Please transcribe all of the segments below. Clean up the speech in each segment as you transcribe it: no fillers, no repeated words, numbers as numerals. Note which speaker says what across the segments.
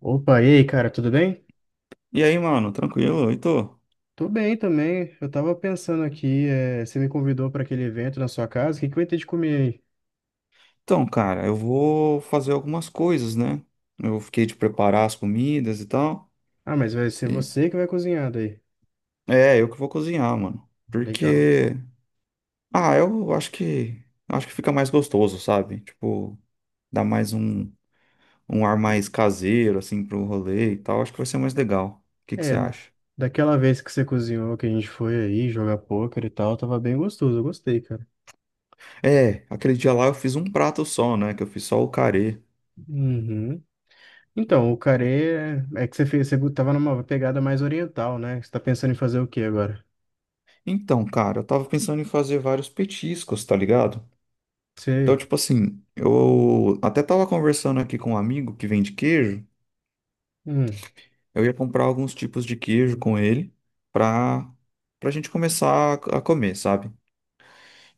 Speaker 1: Opa, e aí, cara, tudo bem?
Speaker 2: E aí, mano, tranquilo? E tô?
Speaker 1: Tô bem também. Eu tava pensando aqui, você me convidou para aquele evento na sua casa, o que que vai ter de comer aí?
Speaker 2: Então, cara, eu vou fazer algumas coisas, né? Eu fiquei de preparar as comidas e tal.
Speaker 1: Ah, mas vai ser
Speaker 2: E-
Speaker 1: você que vai cozinhar daí.
Speaker 2: É, eu que vou cozinhar, mano.
Speaker 1: Legal.
Speaker 2: Porque, ah, eu acho que fica mais gostoso, sabe? Tipo, dá mais um ar mais caseiro assim pro rolê e tal. Acho que vai ser mais legal. O que que
Speaker 1: É,
Speaker 2: você acha?
Speaker 1: daquela vez que você cozinhou, que a gente foi aí jogar pôquer e tal, tava bem gostoso, eu gostei, cara.
Speaker 2: É, aquele dia lá eu fiz um prato só, né? Que eu fiz só o carê.
Speaker 1: Uhum. Então, o carê é que você fez, você tava numa pegada mais oriental, né? Você tá pensando em fazer o quê agora?
Speaker 2: Então, cara, eu tava pensando em fazer vários petiscos, tá ligado? Então,
Speaker 1: Você.
Speaker 2: tipo assim, eu até tava conversando aqui com um amigo que vende queijo.
Speaker 1: Hum.
Speaker 2: Eu ia comprar alguns tipos de queijo com ele pra, pra gente começar a comer, sabe?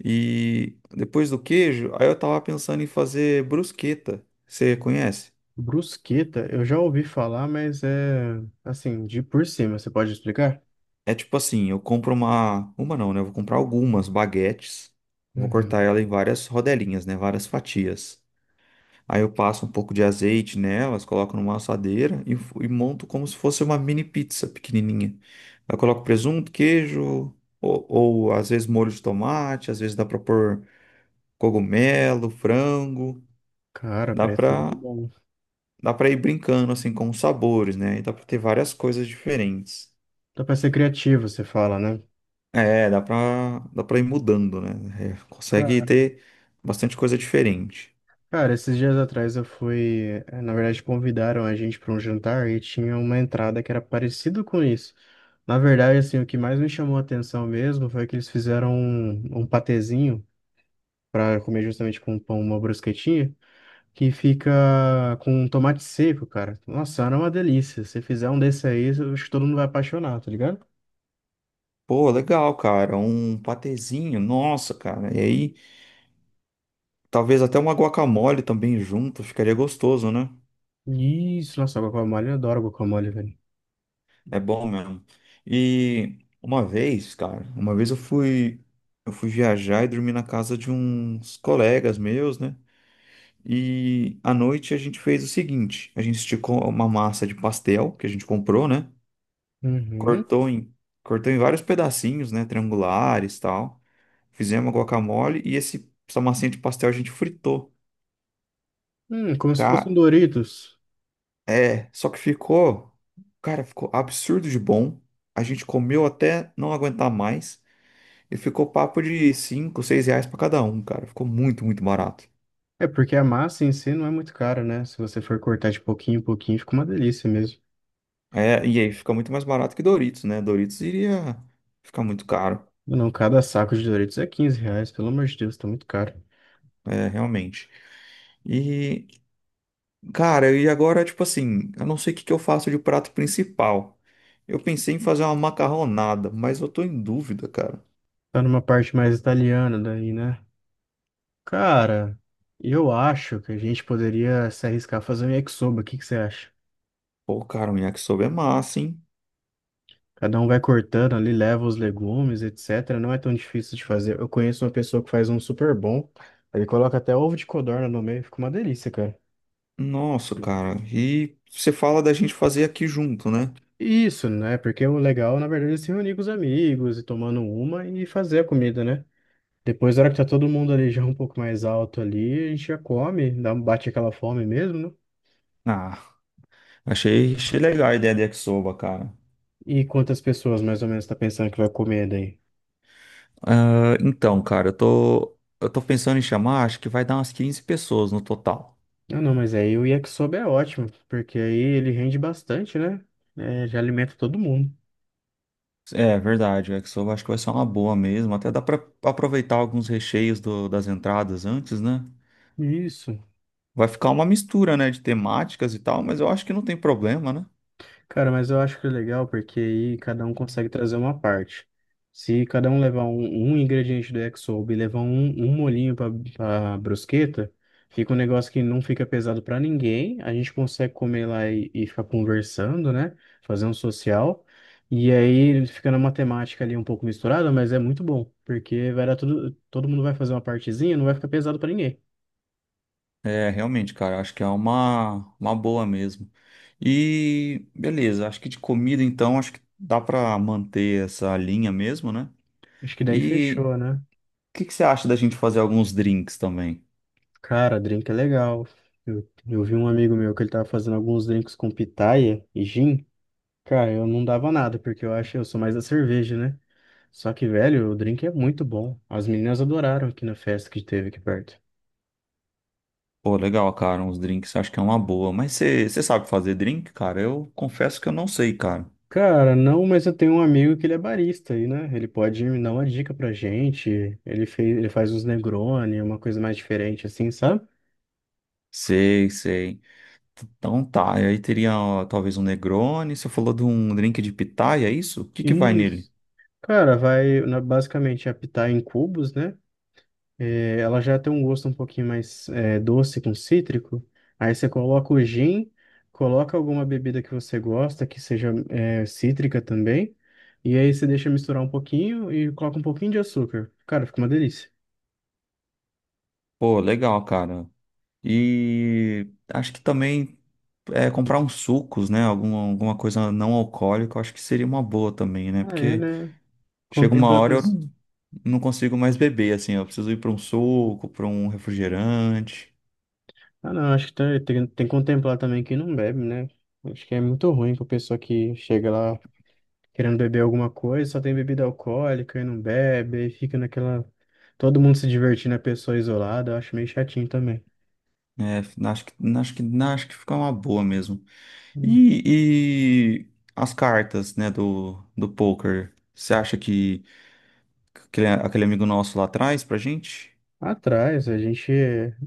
Speaker 2: E depois do queijo, aí eu tava pensando em fazer brusqueta. Você conhece?
Speaker 1: Brusqueta, eu já ouvi falar, mas é assim, de por cima, você pode explicar?
Speaker 2: É tipo assim, eu compro uma. Uma não, né? Eu vou comprar algumas baguetes. Vou
Speaker 1: Uhum.
Speaker 2: cortar ela em várias rodelinhas, né? Várias fatias. Aí eu passo um pouco de azeite nelas, coloco numa assadeira e monto como se fosse uma mini pizza pequenininha. Eu coloco presunto, queijo, ou às vezes molho de tomate, às vezes dá pra pôr cogumelo, frango.
Speaker 1: Cara,
Speaker 2: Dá
Speaker 1: parece
Speaker 2: pra,
Speaker 1: muito bom.
Speaker 2: dá pra ir brincando assim com os sabores, né? E dá pra ter várias coisas diferentes.
Speaker 1: Dá pra ser criativo, você fala, né?
Speaker 2: É, dá pra ir mudando, né? É, consegue
Speaker 1: Cara,
Speaker 2: ter bastante coisa diferente.
Speaker 1: cara, esses dias atrás na verdade, convidaram a gente para um jantar e tinha uma entrada que era parecida com isso. Na verdade, assim, o que mais me chamou a atenção mesmo foi que eles fizeram um patezinho para comer justamente com pão, uma brusquetinha, que fica com tomate seco, cara. Nossa, era uma delícia. Se fizer um desse aí, eu acho que todo mundo vai apaixonar, tá ligado?
Speaker 2: Pô, legal, cara. Um patezinho, nossa, cara. E aí. Talvez até uma guacamole também junto, ficaria gostoso, né?
Speaker 1: Isso, nossa, guacamole, eu adoro guacamole, velho.
Speaker 2: É bom mesmo. E uma vez, cara, uma vez eu fui, viajar e dormi na casa de uns colegas meus, né? E à noite a gente fez o seguinte, a gente esticou uma massa de pastel que a gente comprou, né?
Speaker 1: Uhum.
Speaker 2: Cortou em, cortou em vários pedacinhos, né? Triangulares, e tal. Fizemos uma guacamole e esse, essa massinha de pastel a gente fritou.
Speaker 1: Como se fosse um
Speaker 2: Ca-
Speaker 1: Doritos.
Speaker 2: É, só que ficou, cara, ficou absurdo de bom. A gente comeu até não aguentar mais e ficou papo de 5, 6 reais pra cada um, cara. Ficou muito, muito barato.
Speaker 1: É porque a massa em si não é muito cara, né? Se você for cortar de pouquinho em pouquinho, fica uma delícia mesmo.
Speaker 2: É, e aí fica muito mais barato que Doritos, né? Doritos iria ficar muito caro,
Speaker 1: Não, cada saco de Doritos é R$ 15, pelo amor de Deus, tá muito caro.
Speaker 2: é, realmente. E, cara, e agora, tipo assim, eu não sei o que que eu faço de prato principal. Eu pensei em fazer uma macarronada, mas eu tô em dúvida, cara.
Speaker 1: Tá numa parte mais italiana daí, né? Cara, eu acho que a gente poderia se arriscar a fazer um yakisoba. O que que você acha?
Speaker 2: Pô, cara, um yakisoba é massa, hein?
Speaker 1: Cada um vai cortando ali, leva os legumes, etc. Não é tão difícil de fazer. Eu conheço uma pessoa que faz um super bom. Ele coloca até ovo de codorna no meio, fica uma delícia, cara.
Speaker 2: Nossa, cara. E você fala da gente fazer aqui junto, né?
Speaker 1: Isso, né? Porque o legal, na verdade, é se reunir com os amigos e tomando uma e fazer a comida, né? Depois, na hora que tá todo mundo ali já um pouco mais alto ali, a gente já come, dá, um, bate aquela fome mesmo, né?
Speaker 2: Ah, achei legal a ideia de Yakisoba, cara.
Speaker 1: E quantas pessoas mais ou menos tá pensando que vai comer daí?
Speaker 2: Ah, então, cara, eu tô pensando em chamar, acho que vai dar umas 15 pessoas no total.
Speaker 1: Ah, não, mas aí o yakisoba é ótimo, porque aí ele rende bastante, né? É, já alimenta todo mundo.
Speaker 2: É, verdade, o Yakisoba acho que vai ser uma boa mesmo. Até dá pra aproveitar alguns recheios das entradas antes, né?
Speaker 1: Isso.
Speaker 2: Vai ficar uma mistura, né, de temáticas e tal, mas eu acho que não tem problema, né?
Speaker 1: Cara, mas eu acho que é legal porque aí cada um consegue trazer uma parte. Se cada um levar um ingrediente do Exob e levar um molhinho para brusqueta, fica um negócio que não fica pesado para ninguém. A gente consegue comer lá e ficar conversando, né? Fazer um social. E aí fica na matemática ali um pouco misturada, mas é muito bom, porque vai dar tudo, todo mundo vai fazer uma partezinha, não vai ficar pesado para ninguém.
Speaker 2: É, realmente, cara, acho que é uma boa mesmo. E beleza, acho que de comida então, acho que dá pra manter essa linha mesmo, né?
Speaker 1: Acho que daí
Speaker 2: E
Speaker 1: fechou, né?
Speaker 2: o que que você acha da gente fazer alguns drinks também?
Speaker 1: Cara, drink é legal. Eu vi um amigo meu que ele tava fazendo alguns drinks com pitaia e gin. Cara, eu não dava nada, porque eu acho, eu sou mais da cerveja, né? Só que, velho, o drink é muito bom. As meninas adoraram aqui na festa que teve aqui perto.
Speaker 2: Pô, legal, cara, uns drinks, acho que é uma boa. Mas você sabe fazer drink, cara? Eu confesso que eu não sei, cara.
Speaker 1: Cara, não, mas eu tenho um amigo que ele é barista aí, né? Ele pode me dar uma dica pra gente. Ele faz uns Negroni, uma coisa mais diferente assim, sabe?
Speaker 2: Sei, sei. Então tá, e aí teria ó, talvez um Negroni, você falou de um drink de pitaia, é isso? O que que vai nele?
Speaker 1: Isso. Cara, vai, basicamente, é pitaia em cubos, né? É, ela já tem um gosto um pouquinho mais doce com cítrico. Aí você coloca o gin, coloca alguma bebida que você gosta, que seja cítrica também. E aí você deixa misturar um pouquinho e coloca um pouquinho de açúcar. Cara, fica uma delícia.
Speaker 2: Pô, legal, cara. E acho que também. É, comprar uns sucos, né? Alguma coisa não alcoólica, eu acho que seria uma boa também, né?
Speaker 1: Ah, é,
Speaker 2: Porque
Speaker 1: né?
Speaker 2: chega uma
Speaker 1: Contempla a
Speaker 2: hora eu
Speaker 1: pessoa.
Speaker 2: não, consigo mais beber, assim, eu preciso ir para um suco, para um refrigerante.
Speaker 1: Ah, não, acho que tem que contemplar também quem não bebe, né? Acho que é muito ruim pra pessoa que chega lá, querendo beber alguma coisa, só tem bebida alcoólica e não bebe, aí fica naquela. Todo mundo se divertindo, a pessoa isolada, eu acho meio chatinho também.
Speaker 2: Né? acho que, acho que fica uma boa mesmo.
Speaker 1: Hum.
Speaker 2: e as cartas, né, do poker, você acha que aquele amigo nosso lá traz pra gente?
Speaker 1: Atrás, a gente.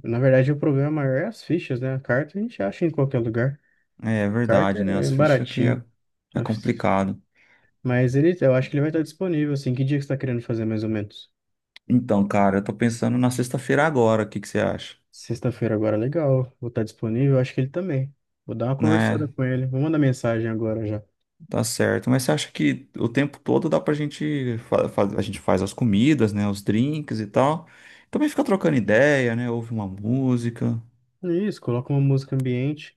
Speaker 1: Na verdade, o problema maior é as fichas, né? A carta a gente acha em qualquer lugar.
Speaker 2: É
Speaker 1: Carta
Speaker 2: verdade, né?
Speaker 1: é
Speaker 2: As fichas que é,
Speaker 1: baratinho.
Speaker 2: é complicado.
Speaker 1: Mas ele, eu acho que ele vai estar disponível, assim. Que dia que você está querendo fazer, mais ou menos?
Speaker 2: Então, cara, eu tô pensando na sexta-feira agora, o que que você acha?
Speaker 1: Sexta-feira agora, legal. Vou estar disponível, eu acho que ele também. Vou dar uma conversada
Speaker 2: Né?
Speaker 1: com ele. Vou mandar mensagem agora já.
Speaker 2: Tá certo. Mas você acha que o tempo todo dá pra gente a gente faz as comidas, né? Os drinks e tal. Também fica trocando ideia, né? Ouve uma música.
Speaker 1: Isso, coloca uma música ambiente.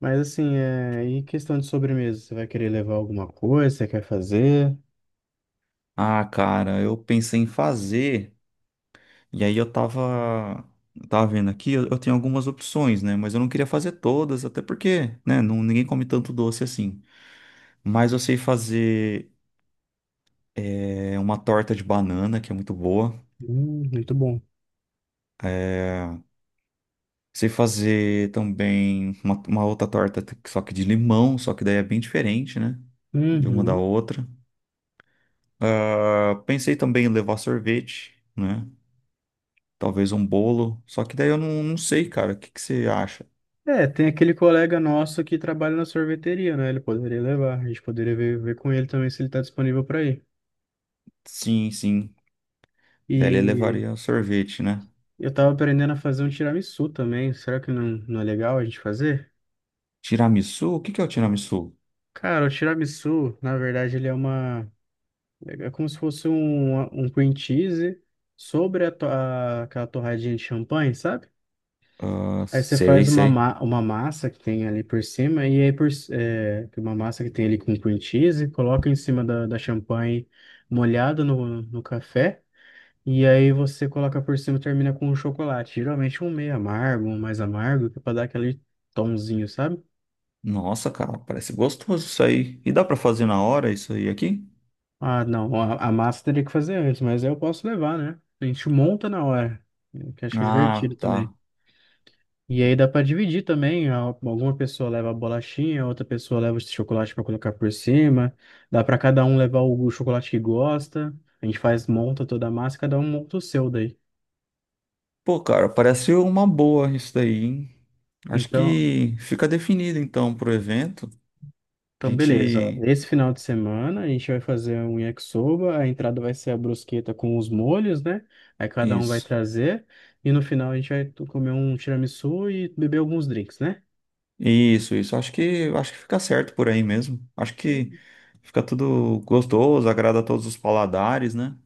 Speaker 1: Mas assim, e questão de sobremesa? Você vai querer levar alguma coisa? Você quer fazer?
Speaker 2: Ah, cara, eu pensei em fazer. E aí eu tava, vendo aqui, eu tenho algumas opções, né? Mas eu não queria fazer todas, até porque, né? Não, ninguém come tanto doce assim. Mas eu sei fazer é, uma torta de banana, que é muito boa.
Speaker 1: Muito bom.
Speaker 2: Sei fazer também uma outra torta, só que de limão, só que daí é bem diferente, né? De uma da
Speaker 1: Uhum.
Speaker 2: outra. Ah, pensei também em levar sorvete, né? Talvez um bolo, só que daí eu não sei, cara. O que que você acha?
Speaker 1: É, tem aquele colega nosso que trabalha na sorveteria, né? Ele poderia levar. A gente poderia ver, ver com ele também se ele tá disponível para ir.
Speaker 2: Sim, sim. Daí ele
Speaker 1: E
Speaker 2: levaria sorvete, né?
Speaker 1: eu tava aprendendo a fazer um tiramisu também. Será que não, não é legal a gente fazer?
Speaker 2: Tiramisu? O que que é o tiramisu?
Speaker 1: Cara, o tiramisu, na verdade, ele é uma. É como se fosse um cream cheese sobre a aquela torradinha de champanhe, sabe?
Speaker 2: Ah,
Speaker 1: Aí você
Speaker 2: sei,
Speaker 1: faz
Speaker 2: sei.
Speaker 1: uma massa que tem ali por cima, e aí uma massa que tem ali com cream cheese, coloca em cima da champanhe molhada no café, e aí você coloca por cima e termina com um chocolate. Geralmente um meio amargo, um mais amargo, que é pra dar aquele tomzinho, sabe?
Speaker 2: Nossa, cara, parece gostoso isso aí. E dá pra fazer na hora isso aí aqui?
Speaker 1: Ah, não, a massa teria que fazer antes, mas aí eu posso levar, né? A gente monta na hora, que acho que é
Speaker 2: Ah,
Speaker 1: divertido também.
Speaker 2: tá.
Speaker 1: E aí dá para dividir também. Alguma pessoa leva a bolachinha, outra pessoa leva o chocolate para colocar por cima. Dá para cada um levar o chocolate que gosta. A gente faz, monta toda a massa, cada um monta o seu daí.
Speaker 2: Pô, cara, parece uma boa isso daí, hein? Acho
Speaker 1: Então,
Speaker 2: que fica definido então pro evento. A
Speaker 1: então beleza. Ó.
Speaker 2: gente.
Speaker 1: Esse final de semana a gente vai fazer um yakisoba. A entrada vai ser a brusqueta com os molhos, né? Aí cada um vai
Speaker 2: Isso.
Speaker 1: trazer. E no final a gente vai comer um tiramisu e beber alguns drinks, né?
Speaker 2: Isso, isso. Acho que fica certo por aí mesmo. Acho que fica tudo gostoso, agrada a todos os paladares, né?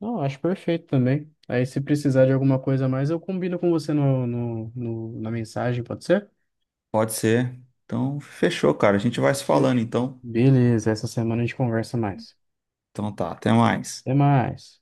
Speaker 1: Não, acho perfeito também. Aí, se precisar de alguma coisa a mais, eu combino com você na mensagem, pode ser?
Speaker 2: Pode ser. Então, fechou, cara. A gente vai se falando
Speaker 1: Fechou.
Speaker 2: então.
Speaker 1: Beleza, essa semana a gente conversa mais.
Speaker 2: Então tá, até mais.
Speaker 1: Até mais.